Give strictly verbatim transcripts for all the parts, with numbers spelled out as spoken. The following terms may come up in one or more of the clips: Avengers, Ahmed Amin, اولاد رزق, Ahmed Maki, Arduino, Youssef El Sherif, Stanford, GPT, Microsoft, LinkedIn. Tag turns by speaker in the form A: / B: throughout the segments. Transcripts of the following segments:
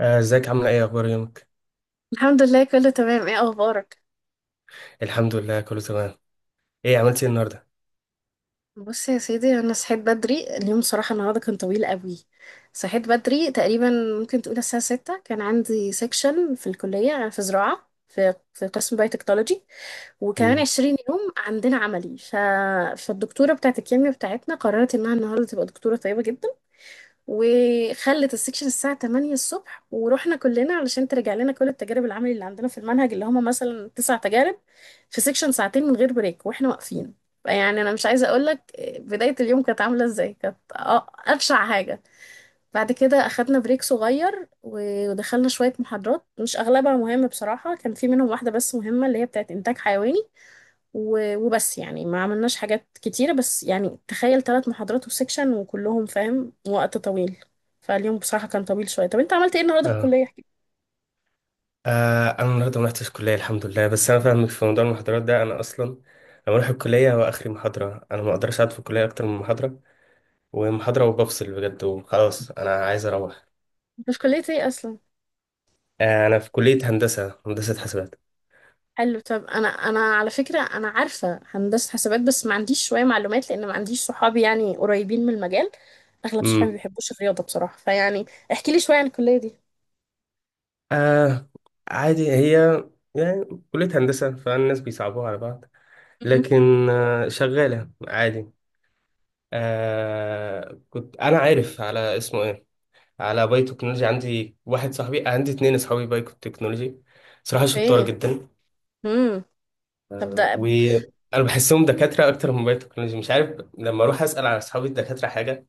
A: آه، ازيك، عاملة ايه، اخبار يومك؟
B: الحمد لله، كله تمام. ايه اخبارك؟
A: الحمد لله، كله تمام. ايه عملت ايه النهاردة؟
B: بص يا سيدي، انا صحيت بدري اليوم. صراحه النهارده كان طويل قوي. صحيت بدري تقريبا. ممكن تقول الساعه ستة، كان عندي سيكشن في الكليه. انا في زراعه، في في قسم بايوتكنولوجي. وكمان
A: مم.
B: عشرين يوم عندنا عملي. ف... فالدكتوره بتاعت الكيمياء بتاعتنا قررت انها النهارده تبقى دكتوره طيبه جدا. وخلت السكشن الساعة تمانية الصبح، ورحنا كلنا علشان ترجع لنا كل التجارب العملي اللي عندنا في المنهج، اللي هما مثلا تسع تجارب. في سكشن ساعتين من غير بريك واحنا واقفين. يعني انا مش عايزة اقولك بداية اليوم كانت عاملة ازاي. كانت آه، ابشع حاجة. بعد كده اخدنا بريك صغير و- ودخلنا شوية محاضرات. مش اغلبها مهمة، بصراحة كان في منهم واحدة بس مهمة اللي هي بتاعت انتاج حيواني. و- وبس يعني ما عملناش حاجات كتيرة. بس يعني تخيل ثلاث محاضرات وسكشن، وكلهم فاهم وقت طويل. فاليوم بصراحة كان طويل شوية. طب انت عملت ايه النهاردة في
A: اه.
B: الكلية؟ احكي.
A: آه انا النهاردة ما رحتش الكلية الحمد لله، بس انا فاهمك في موضوع المحاضرات ده. انا اصلا لما اروح الكلية هو اخري محاضرة، انا ما اقدرش اقعد في الكلية اكتر من محاضرة ومحاضرة وبفصل بجد وخلاص انا عايز اروح.
B: مش كلية ايه اصلا؟
A: آه انا في كلية هندسة، هندسة حاسبات.
B: حلو. طب انا انا على فكرة انا عارفة هندسة حسابات، بس ما عنديش شوية معلومات لان ما عنديش صحابي يعني قريبين من المجال. اغلب صحابي ما
A: امم.
B: بيحبوش الرياضة بصراحة، فيعني. احكي لي شوية عن الكلية دي.
A: آه عادي هي، يعني كلية هندسة فالناس بيصعبوها على بعض،
B: امم.
A: لكن آه شغالة عادي. آه كنت انا عارف على اسمه ايه، على باي تكنولوجي. عندي واحد صاحبي، عندي اتنين اصحابي باي تكنولوجي، صراحه شطار
B: ايه.
A: جدا.
B: امم، طب ده.
A: وانا بحسهم دكاتره اكتر من باي تكنولوجي، مش عارف، لما اروح اسال على اصحابي الدكاتره حاجه،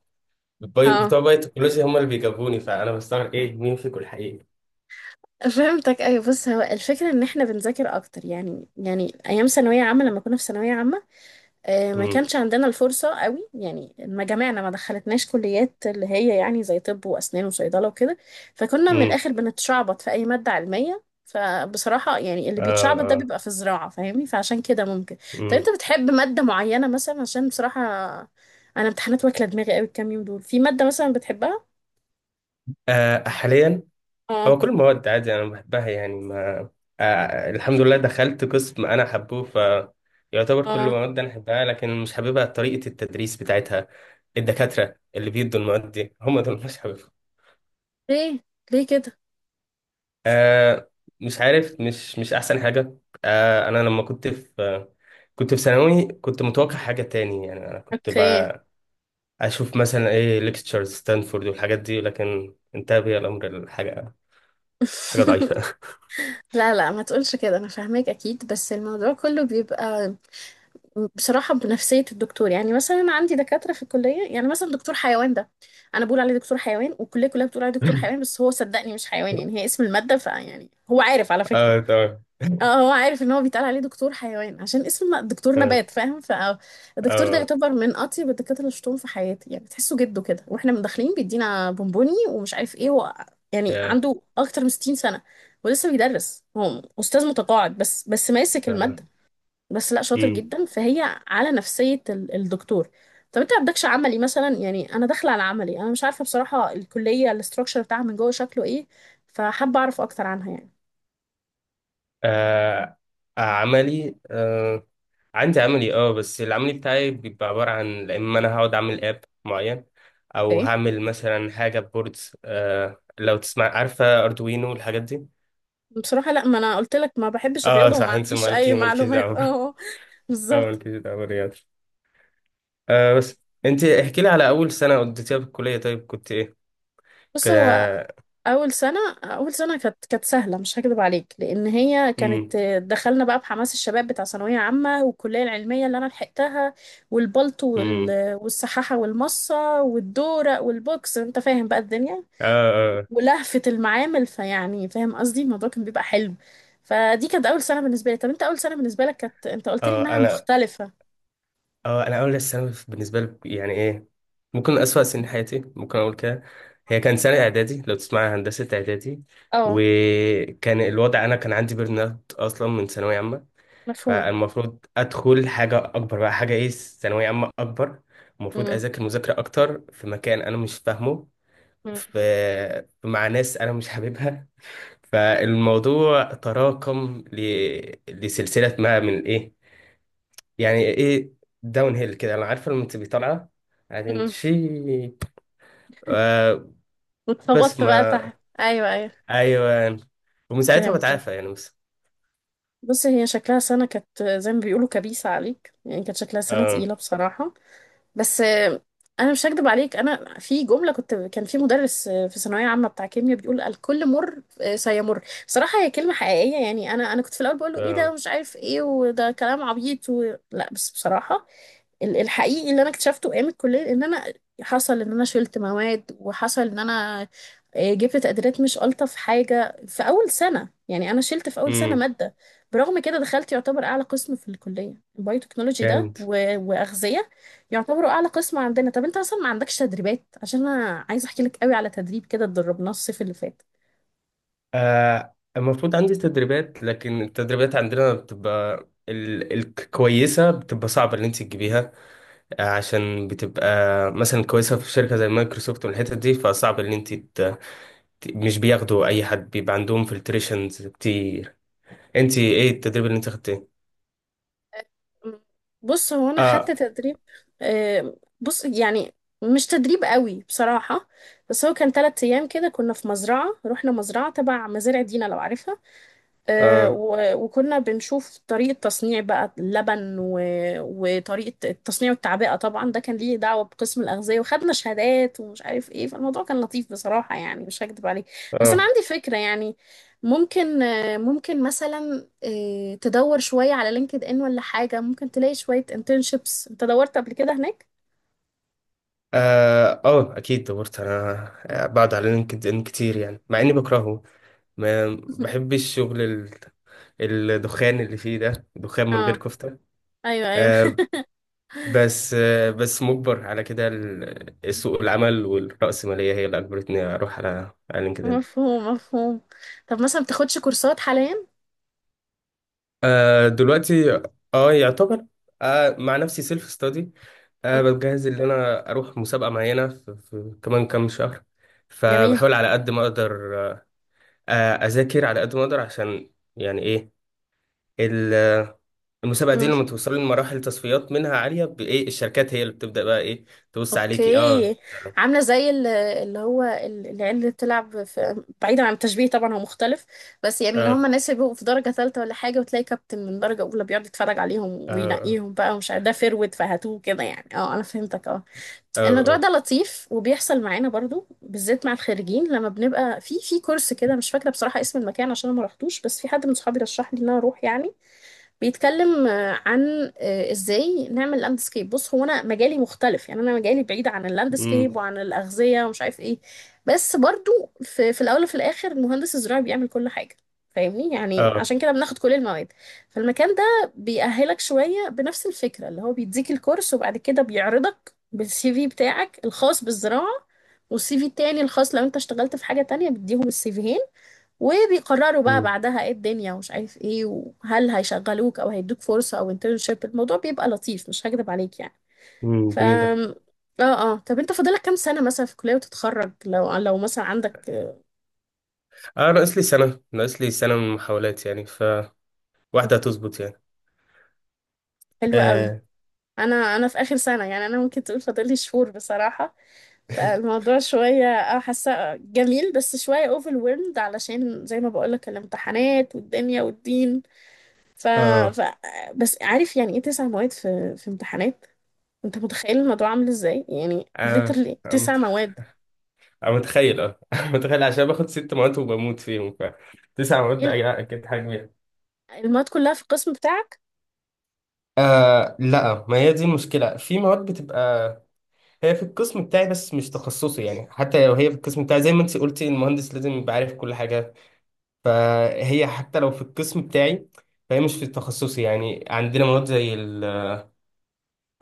A: باي
B: اه،
A: بتوع باي تكنولوجي هم اللي بيجاوبوني، فانا بستغرب ايه، مين فيكم الحقيقي؟
B: فهمتك، ايوه. بص هو الفكره ان احنا بنذاكر اكتر، يعني يعني ايام ثانويه عامه لما كنا في ثانويه عامه، آه، ما
A: امم.
B: كانش عندنا الفرصه قوي. يعني ما جامعنا ما دخلتناش كليات اللي هي يعني زي طب واسنان وصيدله وكده. فكنا من
A: امم.
B: الاخر بنتشعبط في اي ماده علميه. فبصراحه يعني اللي
A: اه.
B: بيتشعبط ده
A: اه.
B: بيبقى في الزراعه. فاهمني؟ فعشان كده ممكن. طب انت
A: امم.
B: بتحب ماده معينه مثلا؟ عشان بصراحه انا امتحانات واكله دماغي قوي الكام يوم دول. في ماده مثلا بتحبها؟
A: آه حاليا،
B: اه،
A: هو كل المواد عادي انا بحبها، يعني ما آه الحمد لله دخلت قسم انا حبه، ف يعتبر كل
B: اه.
A: المواد انا احبها، لكن مش حاببها طريقة التدريس بتاعتها. الدكاترة اللي بيدوا المواد دي هم دول مش حاببهم.
B: ليه، ليه كده؟
A: آه مش عارف، مش مش احسن حاجة. آه انا لما كنت في آه، كنت في ثانوي، كنت متوقع حاجة تاني، يعني انا كنت
B: اوكي.
A: بقى اشوف مثلا ايه، ليكتشرز ستانفورد والحاجات دي، لكن انتهى بي الامر الحاجة حاجة ضعيفة.
B: لا، لا، ما تقولش كده. انا فاهماك اكيد. بس الموضوع كله بيبقى بصراحه بنفسيه الدكتور. يعني مثلا انا عندي دكاتره في الكليه، يعني مثلا دكتور حيوان ده. انا بقول عليه دكتور حيوان، والكليه كلها بتقول عليه دكتور حيوان. بس هو صدقني مش حيوان، يعني هي اسم الماده. فيعني هو عارف على فكره.
A: اه تمام.
B: اه، هو عارف ان هو بيتقال عليه دكتور حيوان عشان اسمه دكتور
A: اه.
B: نبات، فاهم؟ فالدكتور ده
A: آه.
B: يعتبر من اطيب الدكاتره اللي شفتهم في حياتي. يعني تحسه جده كده واحنا من داخلين بيدينا بونبوني ومش عارف ايه هو. يعني
A: يا
B: عنده اكتر من ستين سنه. ولسه بيدرس، هو استاذ متقاعد بس، بس ماسك الماده.
A: فعلا.
B: بس لا، شاطر
A: امم.
B: جدا. فهي على نفسيه ال- الدكتور. طب انت ما عندكش عملي مثلا؟ يعني انا داخله على عملي، انا مش عارفه بصراحه الكليه الاستراكشر بتاعها من جوه شكله ايه. فحابه اعرف اكتر عنها،
A: آه عملي آه، عندي عملي. اه بس العملي بتاعي بيبقى عبارة عن اما انا هقعد اعمل اب معين، او
B: يعني.
A: هعمل مثلا حاجة بوردز. آه لو تسمع، عارفة اردوينو والحاجات دي؟
B: بصراحة لا، ما انا قلت لك ما بحبش
A: اه
B: الرياضة
A: صح،
B: وما
A: انت
B: عنديش اي
A: مالكي مالكي
B: معلومات.
A: دعوة.
B: اه.
A: اه،
B: بالظبط.
A: مالكي دعوة رياض. آه بس انت احكي لي على اول سنة قضيتيها في الكلية، طيب كنت ايه؟ ك...
B: بص هو اول سنة اول سنة كانت كانت سهلة، مش هكذب عليك، لان هي
A: امم.
B: كانت دخلنا بقى بحماس الشباب بتاع ثانوية عامة، والكلية العلمية اللي انا لحقتها. والبلطو
A: امم.
B: وال- والسحاحة والمصة والدورق والبوكس، انت فاهم بقى الدنيا؟
A: اه. اه.
B: ولهفة المعامل، فيعني فاهم قصدي. الموضوع كان بيبقى حلو. فدي كانت اول سنة بالنسبة لي. طب انت اول سنة بالنسبة لك كانت، انت قلت لي
A: آه،
B: انها
A: انا
B: مختلفة.
A: اه انا اول الثانوي بالنسبه لي، يعني ايه، ممكن اسوأ سنين حياتي، ممكن اقول كده. هي كان سنه اعدادي، لو تسمع، هندسه اعدادي.
B: اه،
A: وكان الوضع، انا كان عندي بيرن اوت اصلا من ثانويه عامه،
B: مفهوم.
A: فالمفروض ادخل حاجه اكبر بقى، حاجه ايه، ثانويه عامه اكبر، المفروض
B: مم.
A: اذاكر مذاكره اكتر في مكان انا مش فاهمه،
B: مم.
A: في مع ناس انا مش حاببها. فالموضوع تراكم ل... لسلسله ما من ايه، يعني ايه، داون هيل كده، انا عارفه لما تبقي طالعه بعدين
B: مم.
A: تشي. آه بس
B: واتخبطت بقى
A: ما
B: تحت، ايوه، ايوه.
A: ايوه، ومن ساعتها
B: فهمتك.
A: بتعافى يعني بس.
B: بصي، هي شكلها سنة كانت زي ما بيقولوا كبيسة عليك، يعني كانت شكلها سنة
A: اه.
B: تقيلة بصراحة. بس آه، انا مش هكدب عليك. انا في جمله كنت، كان في مدرس آه، في ثانويه عامه بتاع كيمياء، بيقول الكل مر آه، سيمر. بصراحه هي كلمه حقيقيه، يعني انا انا كنت في الاول بقول له ايه ده،
A: اه.
B: مش عارف ايه وده كلام عبيط و... لا، بس بصراحه ال- الحقيقي اللي انا اكتشفته ايام الكليه ان انا حصل ان انا شلت مواد وحصل ان انا آه، جبت تقديرات مش الطف حاجه في اول سنه. يعني انا شلت في اول سنه
A: امم.
B: ماده. برغم كده دخلت يعتبر اعلى قسم في الكليه، البايوتكنولوجي ده
A: جامد.
B: و- واغذيه. يعتبروا اعلى قسم عندنا. طب انت اصلا ما عندكش تدريبات؟ عشان انا عايزه احكي لك قوي على تدريب كده اتدربناه الصيف اللي فات.
A: آه المفروض عندي تدريبات، لكن التدريبات عندنا بتبقى ال- الكويسة بتبقى صعبة اللي انت تجيبيها، آه، عشان بتبقى مثلا كويسة في شركة زي مايكروسوفت والحتت دي، فصعب اللي انت ت- ت- مش بياخدوا اي حد، بيبقى عندهم فلتريشنز كتير. انت ايه التدريب اللي انت خدتيه؟
B: بص هو انا خدت
A: اه.
B: تدريب. آه، بص يعني مش تدريب قوي بصراحه. بس هو كان ثلاث ايام كده، كنا في مزرعه. رحنا مزرعه تبع مزارع دينا، لو عارفها. آه،
A: اه.
B: و- وكنا بنشوف طريقة تصنيع بقى اللبن و- وطريقة التصنيع والتعبئة. طبعا ده كان ليه دعوة بقسم الأغذية، وخدنا شهادات ومش عارف ايه. فالموضوع كان لطيف بصراحة، يعني مش هكدب عليك. بس أنا
A: اه.
B: عندي فكرة يعني. ممكن آه، ممكن مثلا آه، تدور شوية على لينكد إن ولا حاجة. ممكن تلاقي شوية internships. أنت دورت قبل كده هناك؟
A: اه. آه، اكيد دورت انا آه، بعد على لينكد ان كتير، يعني مع اني بكرهه، ما بحبش الشغل، ال- الدخان اللي فيه ده دخان من غير
B: اه.
A: كفتة.
B: ايوه، ايوه.
A: آه بس آه بس مجبر على كده، ال- سوق العمل والرأسمالية هي اللي اجبرتني اروح على على لينكد ان.
B: مفهوم، مفهوم. طب مثلا بتاخدش كورسات حاليا؟
A: آه دلوقتي، اه يعتبر آه مع نفسي سيلف ستادي.
B: مم،
A: أنا بجهز إن أنا أروح مسابقة معينة في, في كمان كام شهر،
B: جميل.
A: فبحاول على قد ما أقدر، آه، أذاكر على قد ما أقدر عشان يعني إيه، ال- المسابقة دي لما توصلي لمراحل تصفيات منها عالية بإيه الشركات هي اللي بتبدأ بقى إيه، تبص عليكي. أه.
B: اوكي. عامله زي ال- اللي هو ال- العيال اللي بتلعب في، بعيدا عن التشبيه طبعا، هو مختلف. بس يعني اللي هم
A: أه.
B: الناس اللي بيبقوا في درجه ثالثه ولا حاجه، وتلاقي كابتن من درجه اولى بيقعد يتفرج عليهم
A: أه.
B: وينقيهم بقى، ومش عارف ده فرود فهاتوه كده. يعني اه انا فهمتك، اه.
A: أه.
B: الموضوع
A: أه.
B: ده لطيف وبيحصل معانا برضو، بالذات مع الخريجين. لما بنبقى في في كورس كده، مش فاكره بصراحه اسم المكان عشان أنا ما رحتوش، بس في حد من صحابي رشح لي ان انا اروح يعني. بيتكلم آه، عن آه، ازاي نعمل لاندسكيب. بص هو انا مجالي مختلف، يعني انا مجالي بعيد عن اللاندسكيب
A: أمم.
B: وعن الاغذيه ومش عارف ايه. بس برضو في, في الاول وفي الاخر المهندس الزراعي بيعمل كل حاجه. فاهمني؟ يعني
A: أه.
B: عشان كده بناخد كل المواد. فالمكان ده بيأهلك شويه بنفس الفكره. اللي هو بيديك الكورس وبعد كده بيعرضك بالسي في بتاعك الخاص بالزراعه. والسي في التاني الخاص لو انت اشتغلت في حاجه تانية، بيديهم السي فيهين. وبيقرروا بقى
A: أمم.
B: بعدها ايه الدنيا ومش عارف ايه، وهل هيشغلوك او هيدوك فرصة او انترنشيب. الموضوع بيبقى لطيف، مش هكدب عليك يعني.
A: أمم،
B: ف
A: جميلة.
B: اه اه طب انت فاضلك كام سنة مثلا في الكلية وتتخرج لو لو مثلا عندك؟
A: أه ناقص لي سنة، ناقص لي سنة من المحاولات، يعني فواحدة هتظبط يعني.
B: حلو قوي.
A: آه.
B: انا انا في اخر سنة، يعني انا ممكن تقول فاضلي شهور بصراحة. فالموضوع شوية، اه حاسة جميل بس شوية overwhelmed، علشان زي ما بقولك الامتحانات والدنيا والدين. ف...
A: آه.
B: ف... بس عارف يعني ايه؟ تسع مواد في في امتحانات. انت متخيل الموضوع عامل ازاي؟ يعني
A: آه.
B: literally تسع مواد.
A: أنا متخيل أه متخيل عشان باخد ست مواد وبموت فيهم، ف تسع مواد
B: ايه؟
A: بقى أكيد حاجة بيها.
B: المواد كلها في القسم بتاعك؟
A: آه لا، ما هي دي المشكلة، في مواد بتبقى هي في القسم بتاعي، بس مش تخصصي. يعني حتى لو هي في القسم بتاعي، زي ما انت قلتي، المهندس لازم يبقى عارف كل حاجة، فهي حتى لو في القسم بتاعي، فهي مش في تخصصي. يعني عندنا مواد زي ال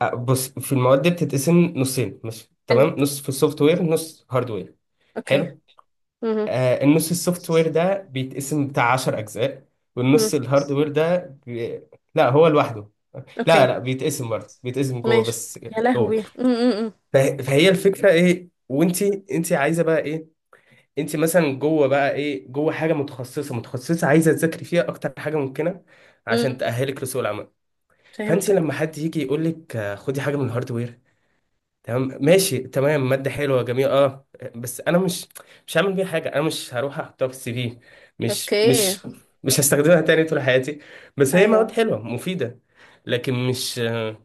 A: آه، بص، في المواد دي بتتقسم نصين مش
B: حلو.
A: تمام، نص في السوفت وير، نص هاردوير.
B: اوكي.
A: حلو.
B: امم،
A: آه، النص السوفت وير ده بيتقسم بتاع 10 اجزاء،
B: امم.
A: والنص الهاردوير ده بي... لا هو لوحده. لا
B: اوكي
A: لا، بيتقسم برضه، بيتقسم جوه
B: ماشي.
A: بس.
B: يا
A: جوه.
B: لهوي. امم،
A: فه... فهي الفكره ايه، وانت انت عايزه بقى ايه، انت مثلا جوه بقى ايه، جوه حاجه متخصصه متخصصه عايزه تذاكري فيها اكتر حاجه ممكنه عشان
B: امم.
A: تاهلك لسوق العمل. فانت
B: فهمتك.
A: لما حد يجي يقول لك آه، خدي حاجه من الهاردوير، تمام ماشي تمام، مادة حلوة جميلة، اه، بس انا مش مش هعمل بيها حاجة، انا مش هروح احطها في السي في، مش
B: اوكي. مم.
A: مش مش هستخدمها تاني طول حياتي. بس هي مواد
B: ايوه.
A: حلوة مفيدة، لكن مش آه،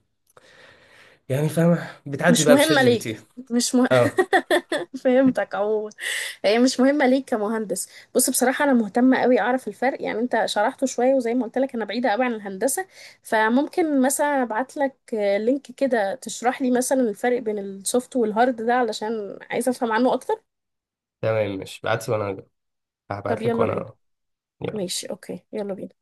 A: يعني فاهمة، بتعدي
B: مش
A: بقى بشات
B: مهمة
A: جي بي تي.
B: ليك. مش مه...
A: اه
B: فهمتك عموما. هي مش مهمة ليك كمهندس. بص بصراحة أنا مهتمة قوي أعرف الفرق، يعني أنت شرحته شوية وزي ما قلت لك أنا بعيدة قوي عن الهندسة. فممكن مثلا أبعت لك آه، لينك كده تشرح لي مثلا الفرق بين السوفت والهارد ده، علشان عايزة أفهم عنه أكتر.
A: تمام، مش بعتي وانا
B: طب
A: هبعت لك
B: يلا بينا.
A: وانا
B: ماشي، أوكي، يلا بينا.